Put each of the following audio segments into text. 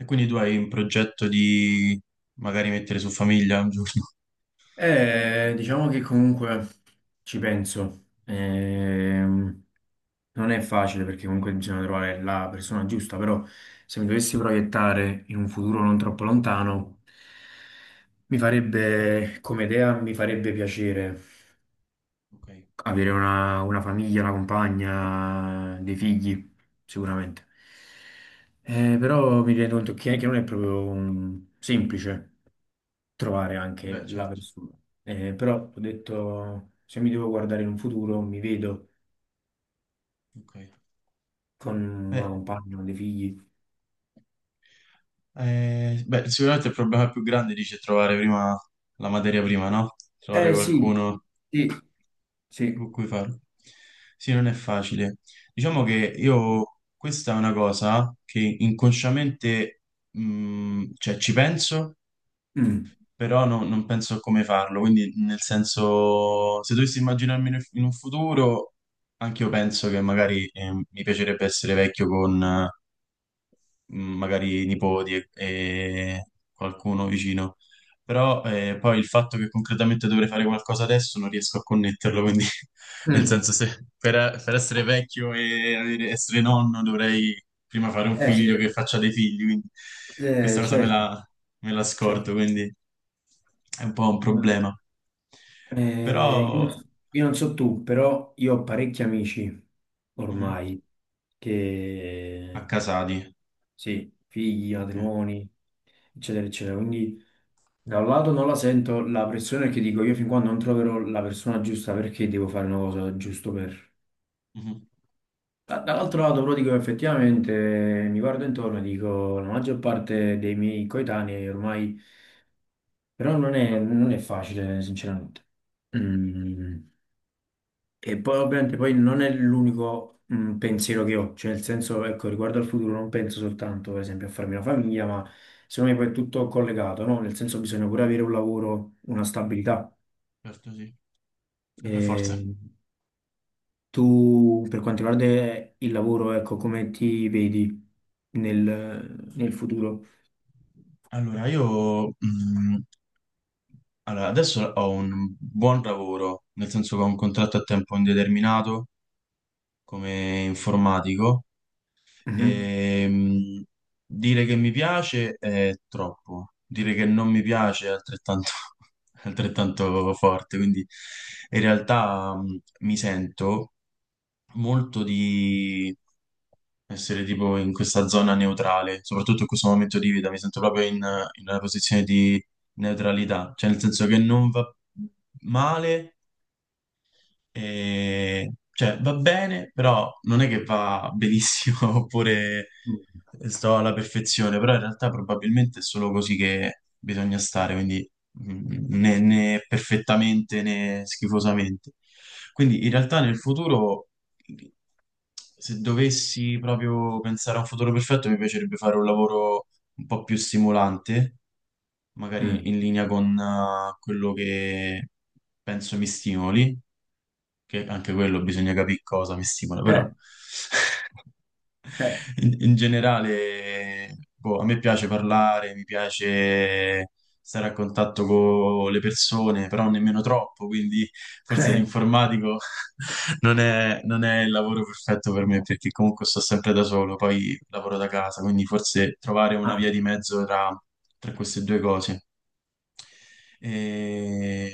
E quindi tu hai un progetto di magari mettere su famiglia un giorno? Diciamo che comunque ci penso. Non è facile perché comunque bisogna trovare la persona giusta, però se mi dovessi proiettare in un futuro non troppo lontano, mi farebbe, come idea, mi farebbe piacere Ok, avere una famiglia, una compagna, dei figli, sicuramente. Però mi rendo conto che non è proprio semplice trovare anche beh, la certo. persona. Però ho detto, se mi devo guardare in un futuro, mi vedo Ok. con una Eh, compagna, con dei figli. beh, sicuramente il problema più grande dice trovare prima la materia prima, no? Trovare Eh sì, qualcuno sì, con sì. cui farlo. Sì, non è facile. Diciamo che io, questa è una cosa che inconsciamente, cioè ci penso, Mm, però non penso a come farlo, quindi nel senso, se dovessi immaginarmi in un futuro, anche io penso che magari mi piacerebbe essere vecchio con, magari nipoti e qualcuno vicino. Però poi il fatto che concretamente dovrei fare qualcosa adesso non riesco a connetterlo, quindi nel mm. senso se per essere vecchio e essere nonno dovrei prima fare un Eh sì, figlio che faccia dei figli, quindi questa cosa certo, me la certo. scordo, quindi è un po' un Ma, problema. Però eh, io, io non so tu, però io ho parecchi amici mhm, ormai a che, Casati, sì, figli, ok. matrimoni, eccetera, eccetera. Quindi da un lato non la sento la pressione, che dico io fin quando non troverò la persona giusta, perché devo fare una cosa giusto per... Mhm, Dall'altro lato però dico effettivamente mi guardo intorno e dico la maggior parte dei miei coetanei ormai però non è facile sinceramente. Mm. E poi ovviamente poi non è l'unico pensiero che ho, cioè nel senso ecco riguardo al futuro non penso soltanto per esempio a farmi una famiglia, ma secondo me poi è tutto collegato, no? Nel senso bisogna pure avere un lavoro, una stabilità. certo, sì. E per forza. Eh, tu, per quanto riguarda il lavoro, ecco, come ti vedi nel futuro? Allora, io allora, adesso ho un buon lavoro, nel senso che ho un contratto a tempo indeterminato come informatico Mhm. e dire che mi piace è troppo, dire che non mi piace è altrettanto, altrettanto forte, quindi in realtà mi sento molto di essere tipo in questa zona neutrale, soprattutto in questo momento di vita, mi sento proprio in una posizione di neutralità, cioè nel senso che non va male, cioè, va bene, però non è che va benissimo oppure Mm. sto alla perfezione, però in realtà probabilmente è solo così che bisogna stare, quindi né perfettamente né schifosamente. Quindi in realtà nel futuro, se dovessi proprio pensare a un futuro perfetto, mi piacerebbe fare un lavoro un po' più stimolante, Mm. magari in linea con quello che penso mi stimoli, che anche quello bisogna capire cosa mi stimola, però Eh, eh, in generale, boh, a me piace parlare, mi piace stare a contatto con le persone, però nemmeno troppo, quindi forse eh. l'informatico non è il lavoro perfetto per me, perché comunque sto sempre da solo, poi lavoro da casa, quindi forse trovare una Ah, via di mezzo tra queste due cose. E,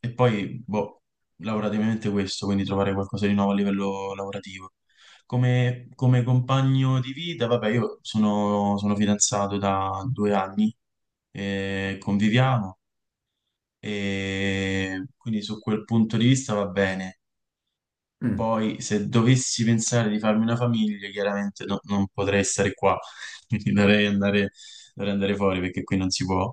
e poi, boh, lavorativamente questo, quindi trovare qualcosa di nuovo a livello lavorativo. Come compagno di vita, vabbè, sono fidanzato da due anni, e conviviamo, e quindi su quel punto di vista va bene. mm, Poi, se dovessi pensare di farmi una famiglia, chiaramente non potrei stare qua, quindi dovrei andare fuori perché qui non si può,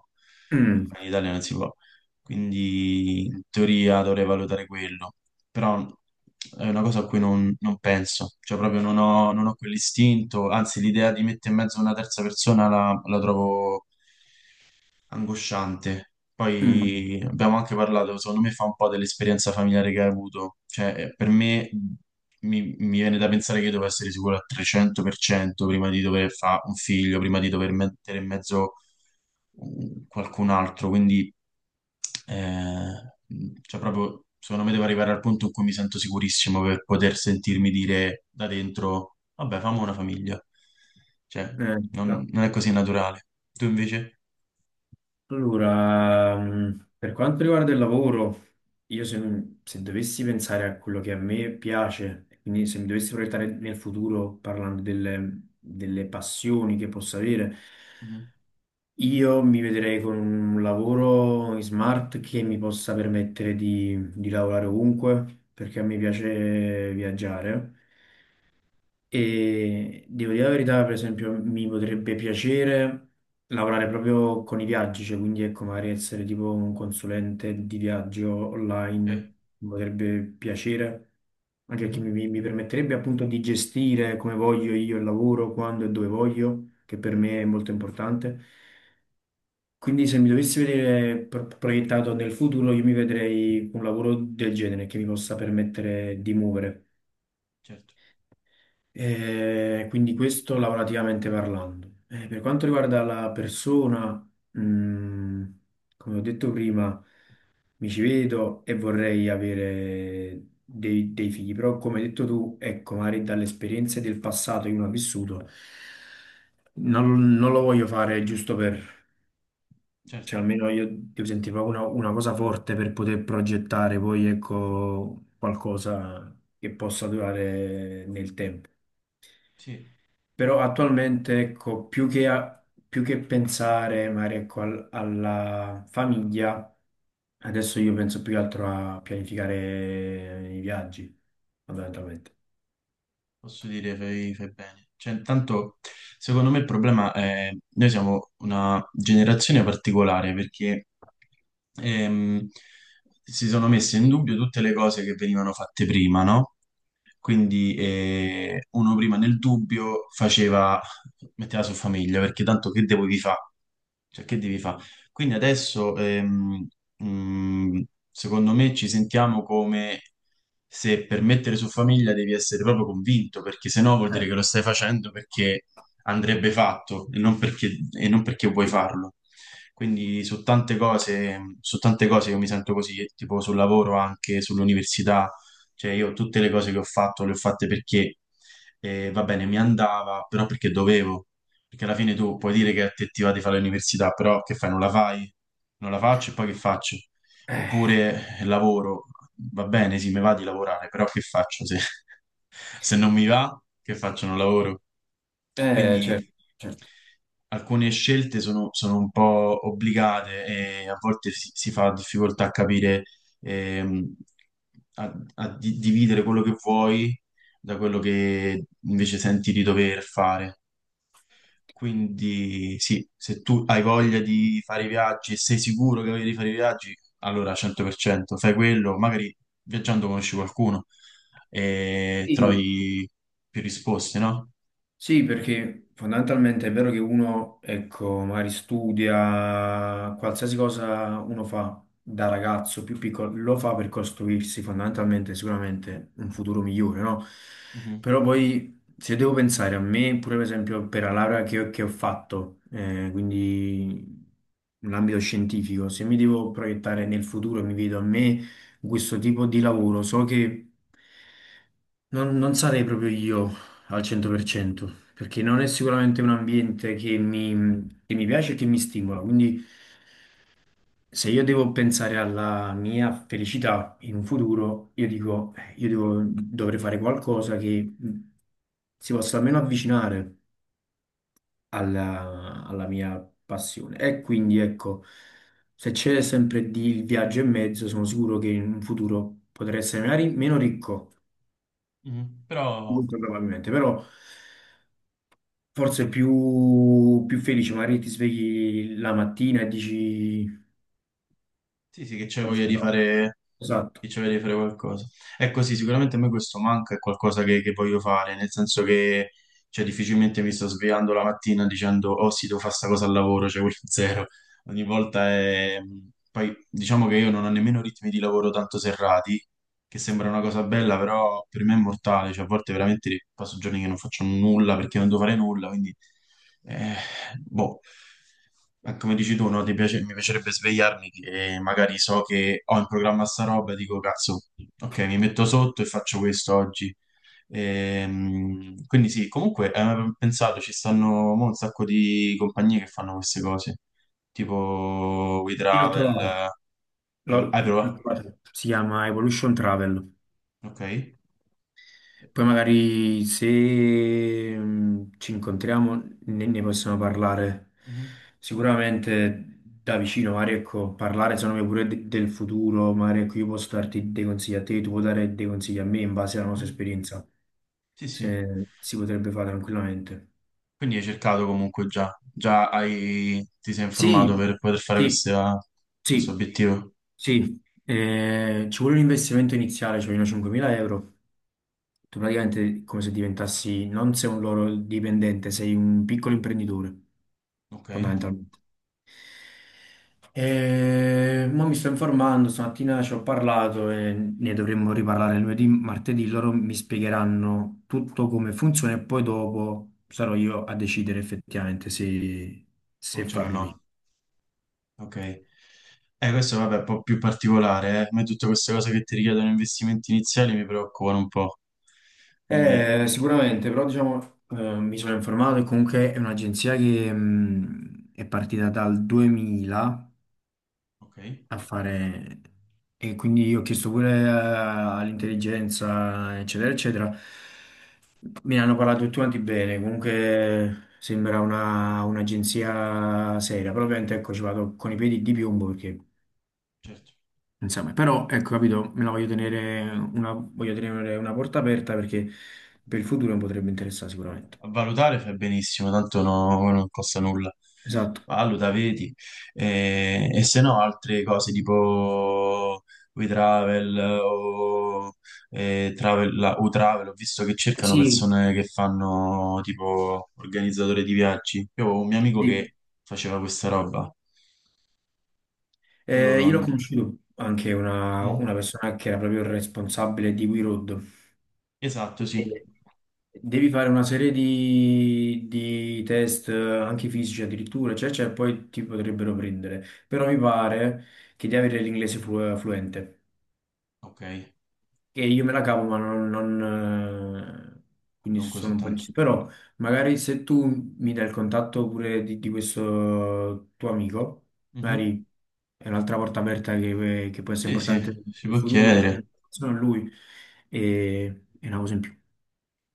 qua mm, in Italia non si può. Quindi, in teoria, dovrei valutare quello. Però è una cosa a cui non penso, cioè proprio non ho quell'istinto, anzi l'idea di mettere in mezzo una terza persona la trovo angosciante. mm. Poi abbiamo anche parlato, secondo me fa un po' dell'esperienza familiare che hai avuto. Cioè, per me mi viene da pensare che io devo essere sicuro al 300% prima di dover fare un figlio, prima di dover mettere in mezzo qualcun altro. Quindi, eh, cioè proprio, secondo me devo arrivare al punto in cui mi sento sicurissimo per poter sentirmi dire da dentro, vabbè, famo una famiglia. Cioè, Eh, no. non è così naturale. Tu invece? Allora, per quanto riguarda il lavoro, io se dovessi pensare a quello che a me piace, quindi se mi dovessi proiettare nel futuro parlando delle passioni che posso avere, Mhm. io mi vedrei con un lavoro in smart che mi possa permettere di lavorare ovunque, perché a me piace viaggiare. E devo dire la verità, per esempio, mi potrebbe piacere lavorare proprio con i viaggi, cioè quindi ecco, magari essere tipo un consulente di viaggio Eh, online, mi potrebbe piacere, anche perché mhm, mi permetterebbe appunto di gestire come voglio io il lavoro, quando e dove voglio, che per me è molto importante. Quindi se mi dovessi vedere proiettato nel futuro, io mi vedrei un lavoro del genere che mi possa permettere di muovere. certo, Quindi questo lavorativamente parlando. Per quanto riguarda la persona, mm, come ho detto prima, mi ci vedo e vorrei avere dei figli, però come hai detto tu, ecco, magari dalle esperienze del passato che uno ha vissuto, non lo voglio fare giusto per, certo, cioè almeno io devo sentire proprio una cosa forte per poter progettare poi, ecco, qualcosa che possa durare nel tempo. sì, Però attualmente, ecco, più che pensare magari ecco, alla famiglia, adesso io penso più che altro a pianificare i viaggi, fondamentalmente. posso dire fai, fai bene. Cioè, intanto, secondo me il problema è: noi siamo una generazione particolare perché ehm, si sono messe in dubbio tutte le cose che venivano fatte prima, no? Quindi uno prima nel dubbio faceva, metteva su famiglia, perché tanto che devo vi fa? Cioè, che devi fare? Quindi adesso, mm, secondo me, ci sentiamo come se per mettere su famiglia devi essere proprio convinto, perché se no vuol dire Eh, che lo stai facendo perché andrebbe fatto e non e non perché vuoi sì. farlo. Quindi su tante cose io mi sento così, tipo sul lavoro, anche sull'università, cioè io tutte le cose che ho fatto le ho fatte perché va bene, mi andava, però perché dovevo. Perché alla fine tu puoi dire che a te ti va di fare l'università, però che fai? Non la fai? Non la faccio e poi che faccio? Eh, Oppure lavoro, va bene, sì, mi va di lavorare, però che faccio? Se, se non mi va, che faccio? Non lavoro. Certo, Quindi certo. alcune scelte sono un po' obbligate e a volte si fa difficoltà a capire, ehm, a, a dividere quello che vuoi da quello che invece senti di dover fare. Quindi sì, se tu hai voglia di fare i viaggi e sei sicuro che hai voglia di fare i viaggi, allora 100% fai quello, magari viaggiando conosci qualcuno e Sì. trovi più risposte, no? Sì, perché fondamentalmente è vero che uno, ecco, magari studia, qualsiasi cosa uno fa da ragazzo più piccolo, lo fa per costruirsi fondamentalmente sicuramente un futuro migliore, no? Mhm, Però poi se devo pensare a me, pure per esempio per la laurea che ho, quindi in ambito scientifico, se mi devo proiettare nel futuro e mi vedo a me in questo tipo di lavoro, so che non sarei proprio io al 100% perché non è sicuramente un ambiente che mi piace e che mi stimola. Quindi, se io devo pensare alla mia felicità in un futuro, io dico, dovrei fare qualcosa che si possa almeno avvicinare alla mia passione. E quindi, ecco, se c'è sempre di il viaggio in mezzo, sono sicuro che in un futuro potrei essere magari meno ricco, mhm. Però molto probabilmente, però. Forse più felice, magari ti svegli la mattina e dici... sì, sì, che c'hai "Oggi voglia di no". fare, che Esatto, c'hai voglia di fare qualcosa. Ecco, sì, sicuramente a me questo manca, è qualcosa che voglio fare, nel senso che cioè, difficilmente mi sto svegliando la mattina dicendo, oh sì, devo fare sta cosa al lavoro, cioè quello è zero. Ogni volta è... Poi diciamo che io non ho nemmeno ritmi di lavoro tanto serrati, che sembra una cosa bella, però per me è mortale, cioè a volte veramente passo giorni che non faccio nulla perché non devo fare nulla, quindi eh, boh, ma come dici tu, no? Mi piacerebbe svegliarmi che magari so che ho in programma sta roba e dico cazzo, ok, mi metto sotto e faccio questo oggi. Quindi sì, comunque hai mai pensato, ci stanno mo un sacco di compagnie che fanno queste cose, tipo io l'ho WeTravel, trovato, hai, hai l'ho provato? trovato. Si chiama Evolution Travel. Ok. Poi magari se ci incontriamo ne possiamo parlare Mhm, sicuramente da vicino, magari ecco, parlare secondo me pure del futuro, magari ecco, io posso darti dei consigli a te, tu puoi dare dei consigli a me in base alla nostra mhm. esperienza, Sì, sì. se si potrebbe fare tranquillamente. Quindi hai cercato comunque già, già ti sei informato Sì, per poter fare sì. Questo Sì, obiettivo. sì, ci vuole un investimento iniziale, ci vogliono 5.000 euro. Tu praticamente è come se diventassi, non sei un loro dipendente, sei un piccolo imprenditore, Ok, fondamentalmente. E mo mi sto informando, stamattina ci ho parlato e ne dovremmo riparlare lunedì, martedì, loro mi spiegheranno tutto come funziona e poi dopo sarò io a decidere effettivamente se, se cominciare o farlo mio. no? Ok. Questo vabbè è un po' più particolare, eh. A me tutte queste cose che ti richiedono investimenti iniziali mi preoccupano un po'. Quindi, Sicuramente, però diciamo, mi sono informato e comunque è un'agenzia che è partita dal 2000 ok, a fare, e quindi io ho chiesto pure all'intelligenza, eccetera, eccetera. Me ne hanno parlato tutti quanti bene, comunque sembra un'agenzia seria, però ovviamente ecco, ci vado con i piedi di piombo perché, certo. insomma, però ecco, capito, me la voglio tenere una porta aperta perché per il futuro mi potrebbe interessare sicuramente. A valutare fai benissimo, tanto non costa nulla. Esatto. Valuta, vedi. E se no, altre cose tipo WeTravel o UTravel, ho visto che cercano Sì, persone che fanno tipo organizzatore di viaggi. Io avevo un mio amico sì. che faceva questa roba. Quello Io l'ho non... conosciuto anche Mm. una persona che era proprio il responsabile di We Road. Esatto, sì. E devi fare una serie di test, anche fisici addirittura, eccetera, eccetera, e poi ti potrebbero prendere. Però mi pare che devi avere l'inglese fluente. Ok, Che io me la cavo, ma non, quindi non così sono un po' tanto. indeciso. Però magari se tu mi dai il contatto pure di questo tuo amico, Mhm. magari è un'altra porta aperta che può essere Sì, sì, importante per si il può futuro, chiedere chiedere. informazioni a lui, e, è una cosa in più.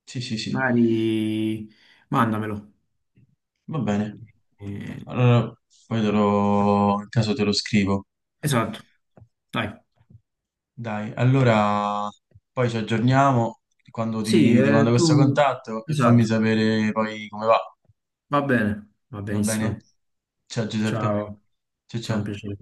Sì, sì, sì. Magari mandamelo. Va bene. Eh, Allora, in caso te lo scrivo. esatto, dai. Dai, allora poi ci aggiorniamo quando Sì, ti mando questo tu, contatto e fammi esatto, sapere poi come va. va bene, va Va benissimo. bene? Ciao Giuseppe. Ciao, Ciao sarà un ciao. piacere.